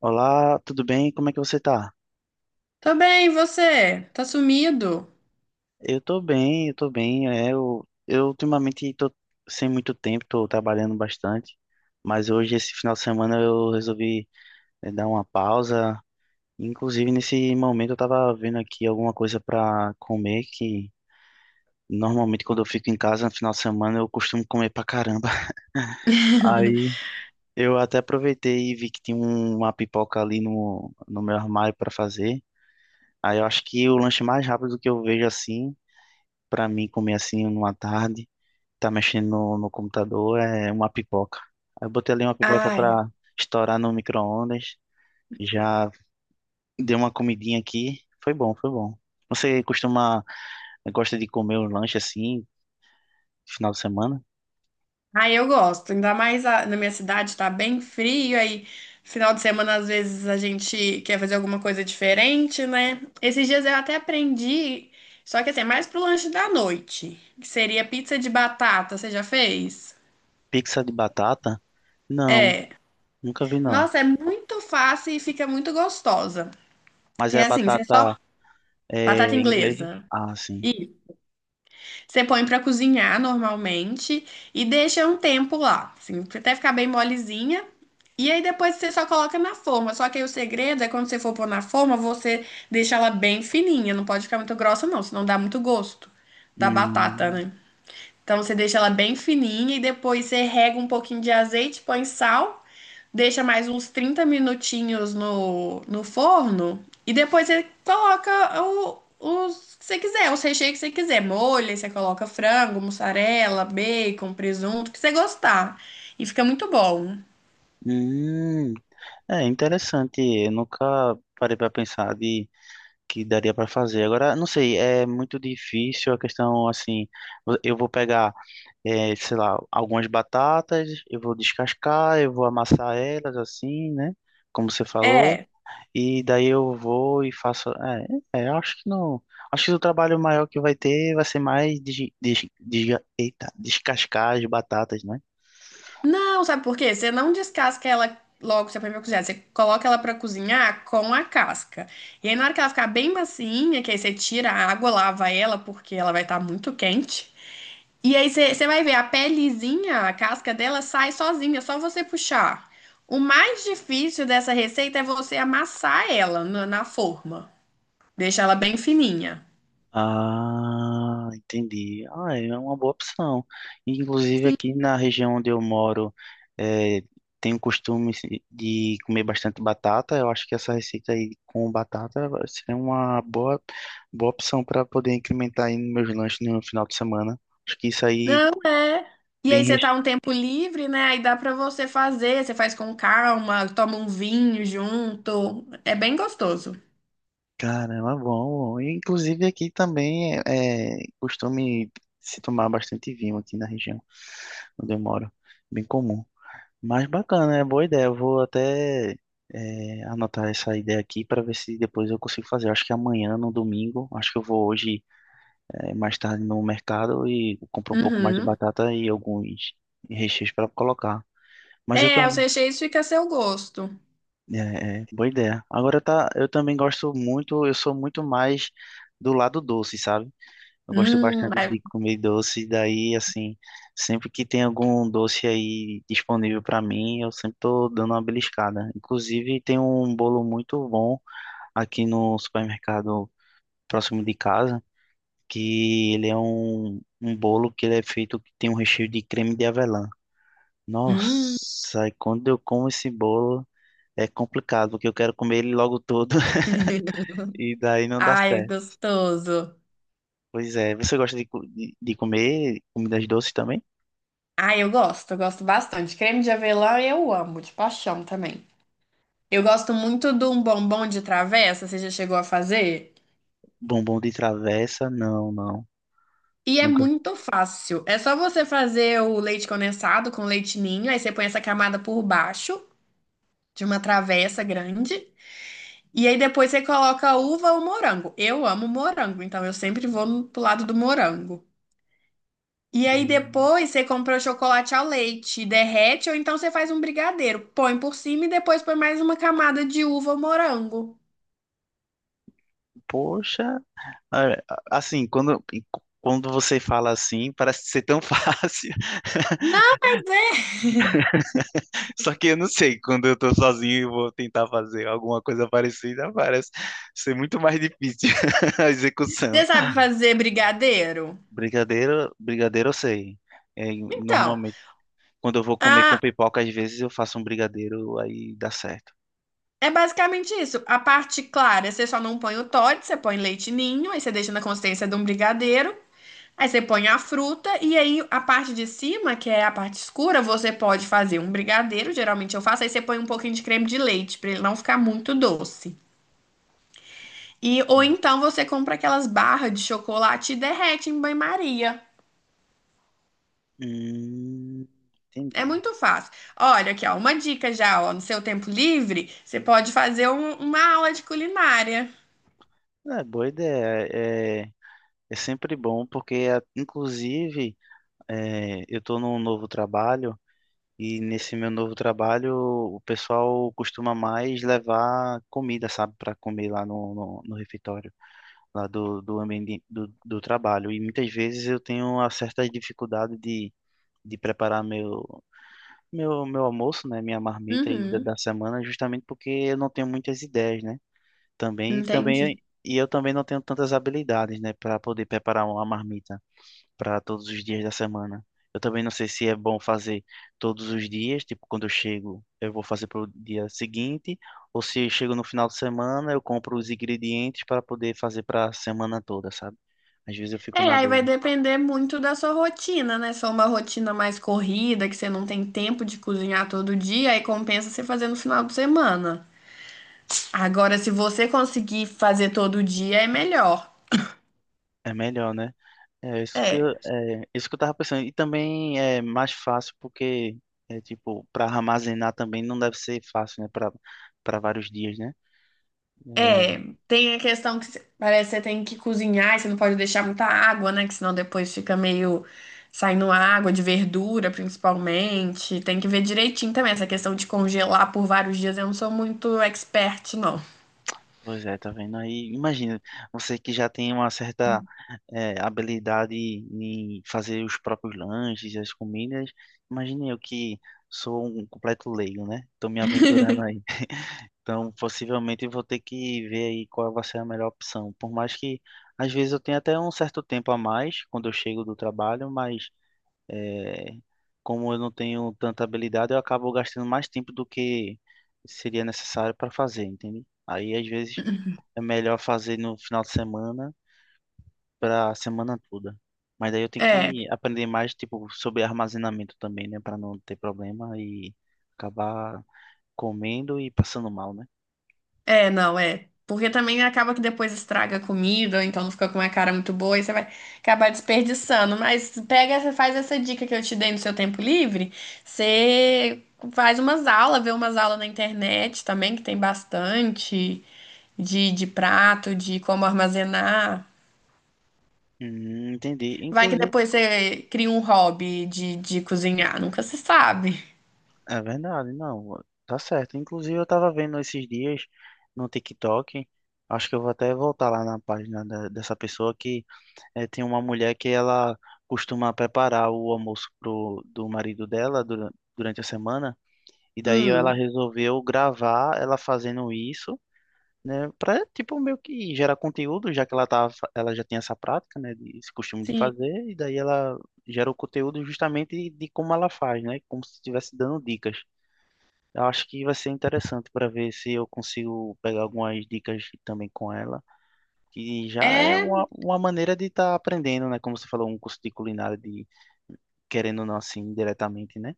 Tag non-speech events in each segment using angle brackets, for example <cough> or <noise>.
Olá, tudo bem? Como é que você tá? Tô bem, e você? Tá sumido? Eu tô bem. Eu ultimamente tô sem muito tempo, tô trabalhando bastante, mas hoje, esse final de semana, eu resolvi dar uma pausa. Inclusive, nesse momento, eu tava vendo aqui alguma coisa pra comer, que normalmente quando eu fico em casa no final de semana, eu costumo comer pra caramba. <laughs> <laughs> Aí eu até aproveitei e vi que tinha uma pipoca ali no meu armário pra fazer. Aí eu acho que o lanche mais rápido que eu vejo assim. Pra mim, comer assim numa tarde, tá mexendo no computador, é uma pipoca. Aí eu botei ali uma pipoca Ai, pra estourar no micro-ondas, já dei uma comidinha aqui, foi bom, foi bom. Você costuma, gosta de comer um lanche assim, final de semana? ai, eu gosto. Ainda mais na minha cidade tá bem frio, aí final de semana às vezes a gente quer fazer alguma coisa diferente, né? Esses dias eu até aprendi, só que assim, é mais pro lanche da noite, que seria pizza de batata, você já fez? Pizza de batata? Não, É. nunca vi não. Nossa, é muito fácil e fica muito gostosa. Mas É é assim, você só batata é, batata inglesa? inglesa. Ah, sim. Você põe pra cozinhar normalmente e deixa um tempo lá, assim, até ficar bem molezinha. E aí depois você só coloca na forma. Só que aí o segredo é quando você for pôr na forma, você deixa ela bem fininha. Não pode ficar muito grossa, não, senão dá muito gosto da batata, Hum, né? Então você deixa ela bem fininha e depois você rega um pouquinho de azeite, põe sal, deixa mais uns 30 minutinhos no forno e depois você coloca os que você quiser, os recheios que você quiser. Molha, você coloca frango, mussarela, bacon, presunto, o que você gostar. E fica muito bom. hum, é interessante, eu nunca parei pra pensar de que daria para fazer. Agora, não sei, é muito difícil a questão assim. Eu vou pegar, sei lá, algumas batatas, eu vou descascar, eu vou amassar elas assim, né? Como você falou, É, e daí eu vou e faço. Eu acho que não. Acho que o trabalho maior que vai ter vai ser mais descascar as batatas, né? não, sabe por quê? Você não descasca ela logo, você põe pra cozinhar. Você coloca ela pra cozinhar com a casca. E aí, na hora que ela ficar bem macinha, que aí você tira a água, lava ela, porque ela vai estar muito quente. E aí, você vai ver a pelezinha, a casca dela sai sozinha, é só você puxar. O mais difícil dessa receita é você amassar ela na forma. Deixar ela bem fininha. Ah, entendi. Ah, é uma boa opção. Inclusive aqui na região onde eu moro, eh, tenho o costume de comer bastante batata. Eu acho que essa receita aí com batata seria uma boa opção para poder incrementar aí nos meus lanches no final de semana. Acho que isso aí Não é. E bem aí você tá recheado. um tempo livre, né? Aí dá pra você fazer, você faz com calma, toma um vinho junto. É bem gostoso. Caramba, bom. E, inclusive aqui também é costume se tomar bastante vinho aqui na região onde eu moro. Bem comum. Mas bacana, é boa ideia. Eu vou até anotar essa ideia aqui para ver se depois eu consigo fazer. Eu acho que amanhã, no domingo, acho que eu vou hoje mais tarde no mercado e compro um pouco mais de Uhum. batata e alguns recheios para colocar. Mas eu É, os também. recheios fica a seu gosto. Boa ideia. Agora tá, eu também gosto muito, eu sou muito mais do lado doce, sabe? Eu gosto bastante Ai, de comer doce, daí, assim, sempre que tem algum doce aí disponível para mim, eu sempre tô dando uma beliscada. Inclusive, tem um bolo muito bom aqui no supermercado próximo de casa, que ele é um bolo que ele é feito que tem um recheio de creme de avelã. hum. Nossa, e quando eu como esse bolo, é complicado, porque eu quero comer ele logo todo, <laughs> <laughs> e daí não dá Ai, é certo. gostoso. Pois é, você gosta de comer comidas doces também? Ai, eu gosto bastante. Creme de avelã eu amo, de paixão também. Eu gosto muito de um bombom de travessa, você já chegou a fazer? Bombom de travessa, não, não. E é Nunca. muito fácil. É só você fazer o leite condensado com leite ninho, aí você põe essa camada por baixo de uma travessa grande. E aí depois você coloca uva ou morango. Eu amo morango, então eu sempre vou no- pro lado do morango. E aí Hum, depois você compra o chocolate ao leite, derrete, ou então você faz um brigadeiro, põe por cima e depois põe mais uma camada de uva ou morango. Poxa, é, assim, quando você fala assim, parece ser tão <laughs> fácil. Não, Só que eu não sei, quando eu tô sozinho e vou tentar fazer alguma coisa parecida, parece ser muito mais difícil <laughs> a execução. você sabe fazer brigadeiro? Brigadeiro eu sei. É, Então, normalmente, quando eu vou comer com a- pipoca, às vezes eu faço um brigadeiro, aí dá certo. é basicamente isso. A parte clara, você só não põe o Toddy, você põe leite ninho, aí você deixa na consistência de um brigadeiro, aí você põe a fruta, e aí a parte de cima, que é a parte escura, você pode fazer um brigadeiro, geralmente eu faço, aí você põe um pouquinho de creme de leite, pra ele não ficar muito doce. E, ou então você compra aquelas barras de chocolate e derrete em banho-maria. Hum, É entendi. muito fácil. Olha aqui, ó, uma dica já, ó, no seu tempo livre, você pode fazer um- uma aula de culinária. É, boa ideia. É, é sempre bom, porque inclusive é, eu estou num novo trabalho e nesse meu novo trabalho o pessoal costuma mais levar comida, sabe, para comer lá no refeitório, lá do ambiente do trabalho. E muitas vezes eu tenho uma certa dificuldade de preparar meu almoço, né, minha marmita aí Uhum, da semana, justamente porque eu não tenho muitas ideias, né? Também, também, entendi. e eu também não tenho tantas habilidades, né, para poder preparar uma marmita para todos os dias da semana. Eu também não sei se é bom fazer todos os dias, tipo, quando eu chego, eu vou fazer para o dia seguinte, ou se eu chego no final de semana, eu compro os ingredientes para poder fazer para a semana toda, sabe? Às vezes eu fico É, na aí vai dúvida. depender muito da sua rotina, né? Se é uma rotina mais corrida, que você não tem tempo de cozinhar todo dia, aí compensa você fazer no final de semana. Agora, se você conseguir fazer todo dia, é melhor. É melhor, né? É, É isso que eu tava pensando. E também é mais fácil porque é tipo, para armazenar também não deve ser fácil, né, para vários dias, né? é. É, Tem a questão que você- parece que você tem que cozinhar e você não pode deixar muita água, né? Que senão depois fica meio saindo água de verdura, principalmente. Tem que ver direitinho também. Essa questão de congelar por vários dias, eu não sou muito expert, não. pois é, tá vendo aí? Imagina, você que já tem uma certa habilidade em fazer os próprios lanches, as comidas, imagine eu que sou um completo leigo, né? Tô me aventurando <laughs> aí. <laughs> Então, possivelmente eu vou ter que ver aí qual vai ser a melhor opção. Por mais que, às vezes, eu tenha até um certo tempo a mais quando eu chego do trabalho, mas eh, como eu não tenho tanta habilidade, eu acabo gastando mais tempo do que seria necessário para fazer, entende? Aí, às vezes é melhor fazer no final de semana para a semana toda. Mas daí eu tenho que É. aprender mais, tipo, sobre armazenamento também, né? Para não ter problema e acabar comendo e passando mal, né? É, não, é. Porque também acaba que depois estraga a comida, ou então não fica com uma cara muito boa e você vai acabar desperdiçando. Mas pega, essa- faz essa dica que eu te dei no seu tempo livre. Você faz umas aulas, vê umas aulas na internet também, que tem bastante de prato, de como armazenar. Entendi. Vai que Inclusive, depois você cria um hobby de cozinhar, nunca se sabe. é verdade, não, tá certo. Inclusive, eu tava vendo esses dias no TikTok, acho que eu vou até voltar lá na dessa pessoa que tem uma mulher que ela costuma preparar o almoço pro, do marido dela durante a semana. E daí ela Hum. resolveu gravar ela fazendo isso, né? Pra, tipo, meio que gerar conteúdo, já que ela tava, ela já tinha essa prática, né? Esse costume de Sim. fazer, e daí ela gera o conteúdo justamente de como ela faz, né? Como se estivesse dando dicas. Eu acho que vai ser interessante para ver se eu consigo pegar algumas dicas também com ela, que já é É uma maneira de estar aprendendo, né? Como você falou, um curso de culinária, de querendo ou não assim, diretamente, né?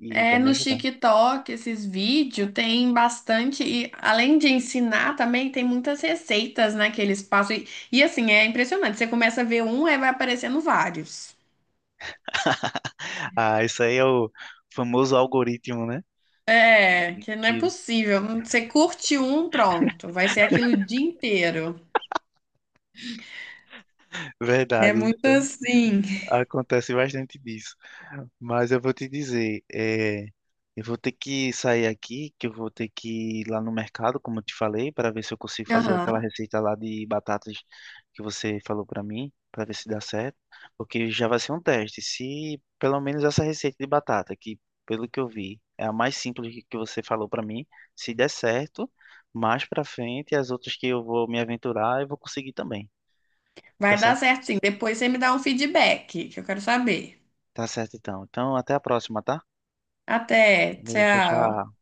E vai É, me no ajudar. TikTok, esses vídeos tem bastante, e além de ensinar também, tem muitas receitas, né, que eles passam. E, assim, é impressionante. Você começa a ver um, aí vai aparecendo vários. Ah, isso aí é o famoso algoritmo, né? É, que não é Que possível. Você curte um, pronto. Vai ser aquilo o dia inteiro. É verdade, muito isso aí. assim. Acontece bastante disso. Mas eu vou te dizer, é, eu vou ter que sair aqui, que eu vou ter que ir lá no mercado, como eu te falei, para ver se eu consigo fazer aquela Aham. receita lá de batatas que você falou para mim, para ver se dá certo, porque já vai ser um teste. Se pelo menos essa receita de batata, que pelo que eu vi é a mais simples que você falou para mim, se der certo, mais para frente as outras que eu vou me aventurar, eu vou conseguir também. Tá Vai dar certo? certo, sim. Depois você me dá um feedback, que eu quero saber. Tá certo então. Então, até a próxima, tá? Até, Valeu, tchau, tchau. tchau.